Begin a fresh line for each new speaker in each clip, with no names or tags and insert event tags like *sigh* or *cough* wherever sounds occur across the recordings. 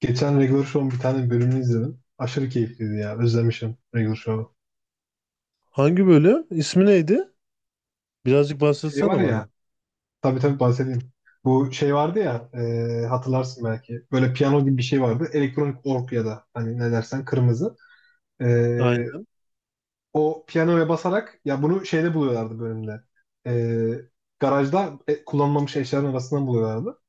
Geçen Regular Show'un bir tane bölümünü izledim. Aşırı keyifliydi ya. Özlemişim Regular Show'u.
Hangi bölüm? İsmi neydi? Birazcık
Şey
bahsetsene
var ya.
bana.
Tabii tabii bahsedeyim. Bu şey vardı ya. Hatırlarsın belki. Böyle piyano gibi bir şey vardı. Elektronik org ya da hani ne dersen kırmızı. E,
Aynen.
O piyanoya basarak ya bunu şeyde buluyorlardı bölümde. E, Garajda kullanılmamış eşyaların arasından buluyorlardı.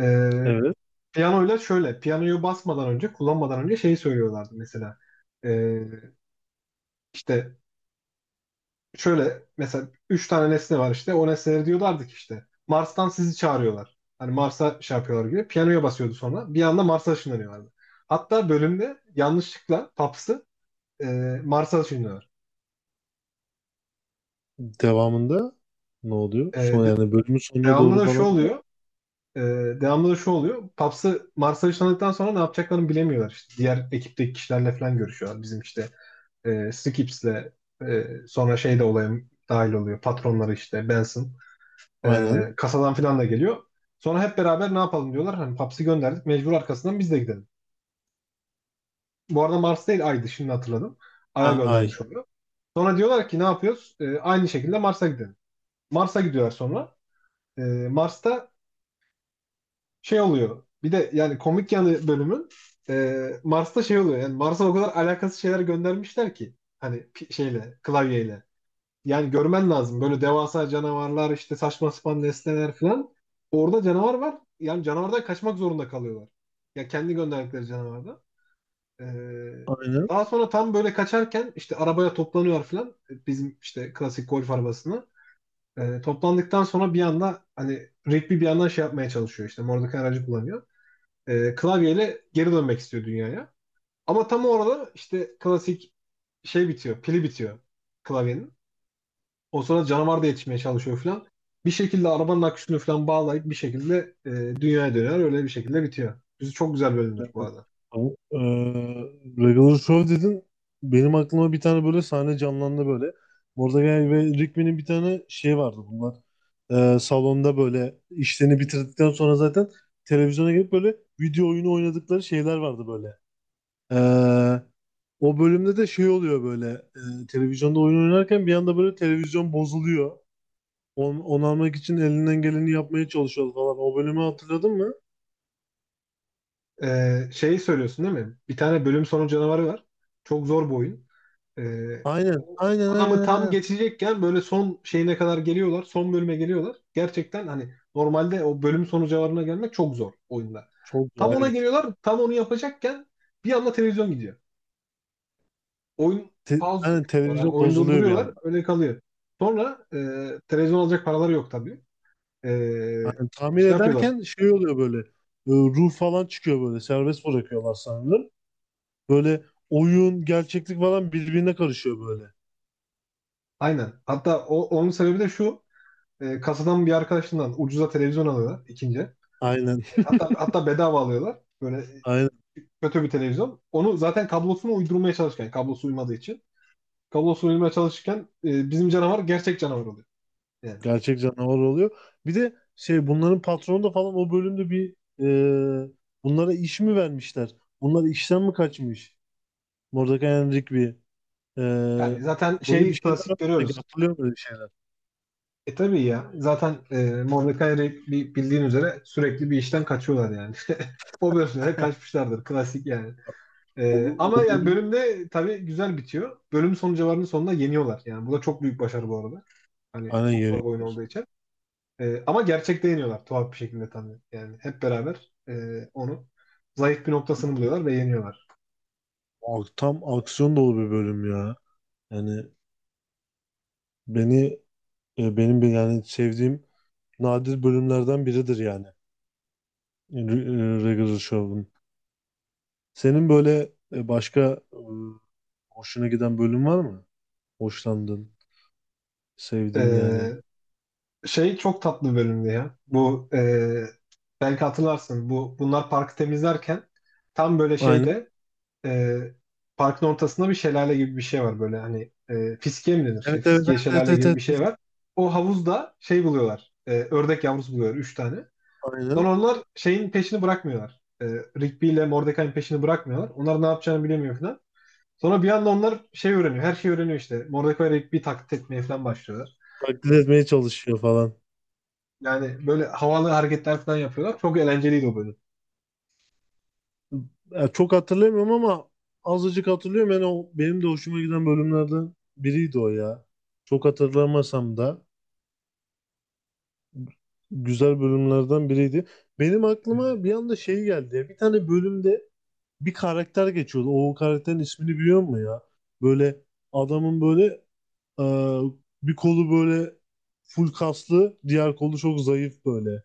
E,
Evet.
Piyanoyla şöyle. Piyanoyu basmadan önce kullanmadan önce şeyi söylüyorlardı mesela. E, işte şöyle mesela üç tane nesne var işte. O nesneleri diyorlardı ki işte Mars'tan sizi çağırıyorlar. Hani Mars'a şey yapıyorlar gibi. Piyanoya basıyordu sonra. Bir anda Mars'a ışınlanıyorlardı. Hatta bölümde yanlışlıkla Paps'ı e, Mars'a ışınlıyorlar.
Devamında ne oluyor?
E,
Son
de-
yani bölümün sonuna
Devamlı
doğru
da şu
falan mı oluyor?
oluyor. e, Devamlı da şu oluyor. Paps'ı Mars'a ışınladıktan sonra ne yapacaklarını bilemiyorlar. İşte diğer ekipteki kişilerle falan görüşüyorlar. Bizim işte Skips'le sonra şey de olaya dahil oluyor. Patronları işte Benson.
Aynen.
Kasadan filan da geliyor. Sonra hep beraber ne yapalım diyorlar. Hani Paps'i gönderdik. Mecbur arkasından biz de gidelim. Bu arada Mars değil Ay'dı şimdi hatırladım.
Ha,
Ay'a
ay.
göndermiş oluyor. Sonra diyorlar ki ne yapıyoruz? Aynı şekilde Mars'a gidelim. Mars'a gidiyorlar sonra. Ee, Mars'ta şey oluyor. Bir de yani komik yanı bölümün Mars'ta şey oluyor. Yani Mars'a o kadar alakasız şeyler göndermişler ki. Hani şeyle, klavyeyle. Yani görmen lazım. Böyle devasa canavarlar, işte saçma sapan nesneler falan. Orada canavar var. Yani canavardan kaçmak zorunda kalıyorlar. Ya kendi gönderdikleri canavardan. Ee,
Aynen.
Daha sonra tam böyle kaçarken işte arabaya toplanıyor falan. Bizim işte klasik golf arabasına. Toplandıktan sonra bir anda hani Rigby bir yandan şey yapmaya çalışıyor işte. Mordecai aracı kullanıyor. Klavyeyle geri dönmek istiyor dünyaya. Ama tam orada işte klasik şey bitiyor. Pili bitiyor klavyenin. O sırada canavar da yetişmeye çalışıyor falan. Bir şekilde arabanın aküsünü falan bağlayıp bir şekilde dünyaya dönüyor. Öyle bir şekilde bitiyor. Bizi çok güzel bölümdür bu
Evet.
arada.
Tamam. Regular Show dedin. Benim aklıma bir tane böyle sahne canlandı böyle. Mordecai ve Rigby'nin bir tane şey vardı bunlar. Salonda böyle işlerini bitirdikten sonra zaten televizyona gelip böyle video oyunu oynadıkları şeyler vardı böyle. Ee, O bölümde de şey oluyor böyle, televizyonda oyun oynarken bir anda böyle televizyon bozuluyor. Onu almak için elinden geleni yapmaya çalışıyordu falan. O bölümü hatırladın mı?
Şeyi söylüyorsun değil mi? Bir tane bölüm sonu canavarı var. Çok zor bu oyun. E,
Aynen,
O
aynen,
adamı
aynen,
tam
aynen.
geçecekken böyle son şeyine kadar geliyorlar. Son bölüme geliyorlar. Gerçekten hani normalde o bölüm sonu canavarına gelmek çok zor oyunda.
Çok
Tam
güzel,
ona
evet.
geliyorlar. Tam onu yapacakken bir anda televizyon gidiyor. Oyun pause
Aynen,
yapıyorlar. Yani
televizyon
oyunu
bozuluyor bir
durduruyorlar.
anda.
Öyle kalıyor. Sonra televizyon alacak paraları yok tabii. E,
Aynen, tamir
Şey yapıyorlar.
ederken şey oluyor böyle. Ruh falan çıkıyor böyle. Serbest bırakıyorlar sanırım. Böyle oyun, gerçeklik falan birbirine karışıyor böyle.
Aynen. Hatta onun sebebi de şu. Kasadan bir arkadaşından ucuza televizyon alıyorlar ikinci.
Aynen,
Hatta hatta bedava alıyorlar. Böyle
*laughs* aynen.
kötü bir televizyon. Onu zaten kablosunu uydurmaya çalışırken, kablosu uymadığı için. Kablosunu uydurmaya çalışırken bizim canavar gerçek canavar oluyor. Yani,
Gerçek canavar oluyor. Bir de şey, bunların patronu da falan o bölümde bir, e, bunlara iş mi vermişler? Bunlar işten mi kaçmış? Mordecai and Rigby. E,
Yani zaten
Böyle bir
şey
şeyler
klasik
var. Sanki
görüyoruz.
hatırlıyorum böyle bir şeyler.
E tabii ya. Zaten Mordecai ile bildiğin üzere sürekli bir işten kaçıyorlar yani. *laughs* O bölümde kaçmışlardır. Klasik yani.
O,
Ama
o
yani
bölüm,
bölümde tabii güzel bitiyor. Bölüm son cevabının sonunda yeniyorlar. Yani bu da çok büyük başarı bu arada. Hani
aynen,
çok zor bir oyun
yeniyorlar.
olduğu için. Ama gerçekte yeniyorlar tuhaf bir şekilde tabii. Yani hep beraber onu zayıf bir noktasını buluyorlar ve yeniyorlar.
O, tam aksiyon dolu bir bölüm ya. Yani beni, benim bir yani sevdiğim nadir bölümlerden biridir yani, Regular Show'un. Senin böyle, başka e, hoşuna giden bölüm var mı? Hoşlandın.
E,
Sevdiğin yani.
Şey çok tatlı bir bölümdü ya. Bu belki hatırlarsın. Bu bunlar parkı temizlerken tam böyle
Aynen.
şeyde e, parkın ortasında bir şelale gibi bir şey var böyle hani fiskiye mi denir işte
Evet, evet,
fiskiye
evet, evet,
şelale
evet,
gibi
evet,
bir şey
evet.
var. O havuzda şey buluyorlar ördek yavrusu buluyorlar 3 tane.
Aynen.
Sonra onlar şeyin peşini bırakmıyorlar. Rigby ile Mordecai'nin peşini bırakmıyorlar. Onlar ne yapacağını bilemiyor falan. Sonra bir anda onlar şey öğreniyor. Her şeyi öğreniyor işte. Mordecai ve Rigby taklit etmeye falan başlıyorlar.
Taklit
Böyle-
etmeye çalışıyor falan.
Yani böyle havalı hareketler falan yapıyorlar. Çok eğlenceliydi o bölüm.
Ya çok hatırlamıyorum ama azıcık hatırlıyorum. Yani o benim de hoşuma giden bölümlerden biriydi o ya. Çok hatırlamasam da güzel bölümlerden biriydi. Benim aklıma bir anda şey geldi ya. Bir tane bölümde bir karakter geçiyordu. O karakterin ismini biliyor musun ya? Böyle adamın böyle, Ee, bir kolu böyle full kaslı, diğer kolu çok zayıf böyle.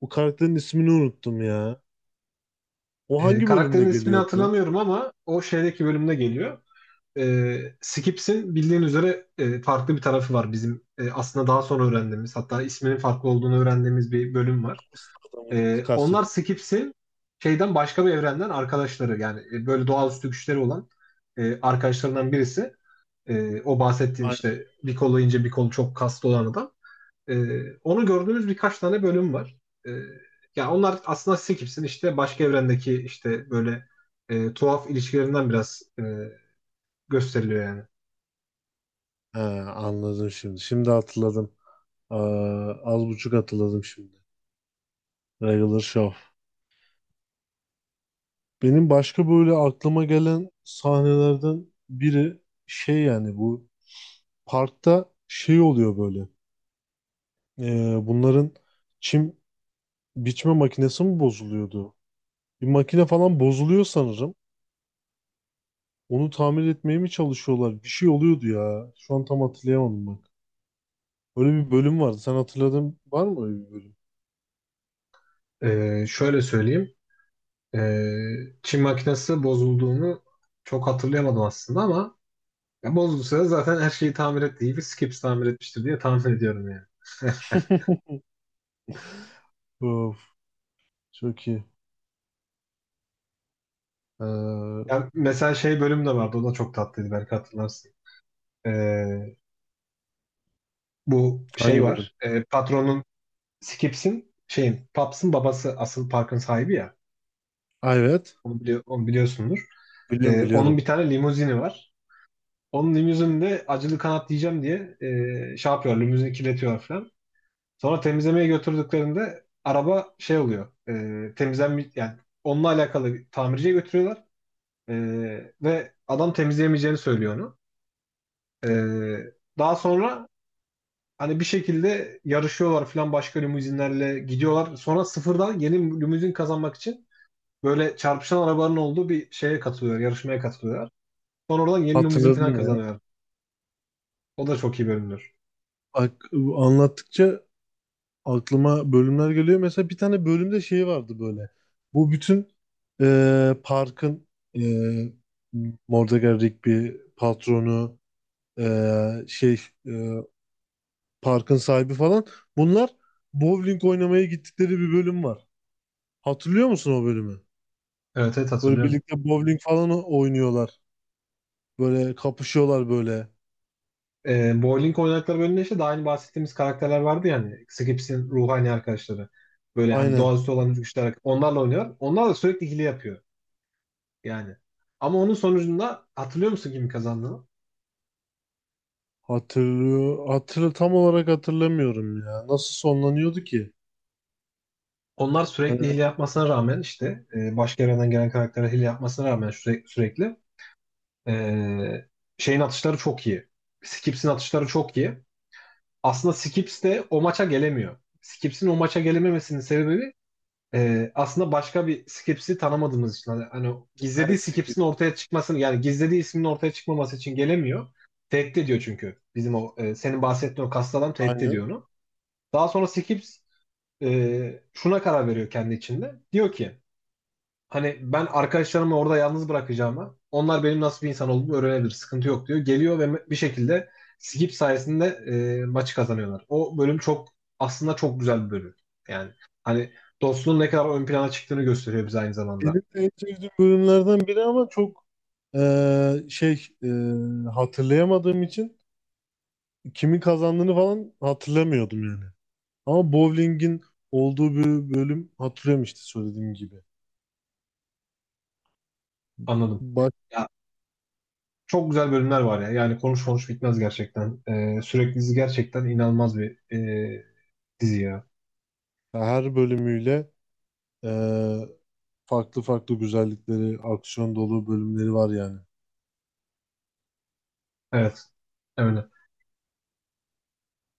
Bu karakterin ismini unuttum ya. O hangi
Karakterin
bölümde
ismini
geliyordu ya?
hatırlamıyorum ama o şeydeki bölümde geliyor. Skips'in bildiğin üzere farklı bir tarafı var bizim aslında daha sonra öğrendiğimiz hatta isminin farklı olduğunu öğrendiğimiz bir bölüm var.
Kaslı adamı
Onlar
kastediyorum.
Skips'in şeyden başka bir evrenden arkadaşları yani böyle doğaüstü güçleri olan arkadaşlarından birisi. O bahsettiğin
Aynen.
işte bir kolu ince bir kolu çok kaslı olan adam. Onu gördüğümüz birkaç tane bölüm var. E, Ya onlar aslında Skips'in işte başka evrendeki işte böyle tuhaf ilişkilerinden biraz gösteriliyor yani.
He, anladım şimdi. Şimdi hatırladım. Ee, Az buçuk hatırladım şimdi. Regular Show. Benim başka böyle aklıma gelen sahnelerden biri şey, yani bu parkta şey oluyor böyle. Bunların çim biçme makinesi mi bozuluyordu? Bir makine falan bozuluyor sanırım. Onu tamir etmeye mi çalışıyorlar? Bir şey oluyordu ya. Şu an tam hatırlayamadım bak. Öyle bir bölüm vardı. Sen hatırladın, var mı öyle bir bölüm?
Şöyle söyleyeyim. Ee, Çin makinesi bozulduğunu çok hatırlayamadım aslında ama ya bozulduysa da zaten her şeyi tamir ettiği İyi bir Skips tamir etmiştir diye tahmin ediyorum yani.
*laughs* Of, çok iyi. Ee,
Ya mesela şey bölüm de vardı. O da çok tatlıydı belki hatırlarsın. Ee, Bu şey
Hangi bölüm?
var. Patronun Skips'in şeyin Paps'ın babası asıl parkın sahibi ya.
Ha, evet.
Onu biliyorsundur.
Biliyorum,
Onun
biliyorum.
bir tane limuzini var. Onun limuzininde acılı kanat diyeceğim diye şey yapıyor. Limuzini kirletiyor falan. Sonra temizlemeye götürdüklerinde araba şey oluyor. Temizlenme yani onunla alakalı bir tamirciye götürüyorlar. E, Ve adam temizleyemeyeceğini söylüyor onu. E, Daha sonra hani bir şekilde yarışıyorlar falan başka limuzinlerle gidiyorlar. Sonra sıfırdan yeni limuzin kazanmak için böyle çarpışan arabaların olduğu bir şeye katılıyor, yarışmaya katılıyorlar. Sonra oradan yeni limuzin
Hatırladım
falan
ya.
kazanıyorlar. O da çok iyi bölümdür.
Bak, anlattıkça aklıma bölümler geliyor. Mesela bir tane bölümde şey vardı böyle. Bu bütün, parkın, e, Mordecai, Rigby, patronu, şey, e, parkın sahibi falan. Bunlar bowling oynamaya gittikleri bir bölüm var. Hatırlıyor musun o bölümü?
Evet, evet
Böyle
hatırlıyorum.
birlikte bowling falan oynuyorlar. Böyle kapışıyorlar böyle.
Bowling oynadıkları bölümde işte daha önce bahsettiğimiz karakterler vardı ya hani Skips'in ruhani arkadaşları. Böyle hani
Aynen.
doğaüstü olan güçler onlarla oynuyor. Onlar da sürekli hile yapıyor yani. Ama onun sonucunda hatırlıyor musun kimin kazandığını?
Hatırlıyor. Tam olarak hatırlamıyorum ya. Nasıl sonlanıyordu ki?
Onlar sürekli
Ee,
hile yapmasına rağmen işte başka evrenden gelen karaktere hile yapmasına rağmen sürekli e, şeyin atışları çok iyi. Skips'in atışları çok iyi. Aslında Skips de o maça gelemiyor. Skips'in o maça gelememesinin sebebi aslında başka bir Skips'i tanımadığımız için hani gizlediği
evet,
Skips'in ortaya çıkmasını yani gizlediği isminin ortaya çıkmaması için gelemiyor. Tehdit ediyor çünkü. Bizim o senin bahsettiğin o kaslı adam tehdit
aynen.
ediyor onu. Daha sonra Skips şuna karar veriyor kendi içinde. Diyor ki hani ben arkadaşlarımı orada yalnız bırakacağımı, onlar benim nasıl bir insan olduğumu öğrenebilir, sıkıntı yok diyor. Geliyor ve bir şekilde skip sayesinde maçı kazanıyorlar. O bölüm çok aslında çok güzel bir bölüm. Yani hani dostluğun ne kadar ön plana çıktığını gösteriyor bize aynı
Benim
zamanda.
de en sevdiğim bölümlerden biri ama çok eee, şey eee, hatırlayamadığım için kimin kazandığını falan hatırlamıyordum yani. Ama bowling'in olduğu bir bölüm hatırlıyorum işte söylediğim gibi.
Anladım.
Bak,
Ya çok güzel bölümler var ya. Yani konuş konuş bitmez gerçekten. Sürekli dizi gerçekten inanılmaz bir e, dizi ya.
her bölümüyle eee, farklı farklı güzellikleri, aksiyon dolu bölümleri var yani.
Evet. Evet.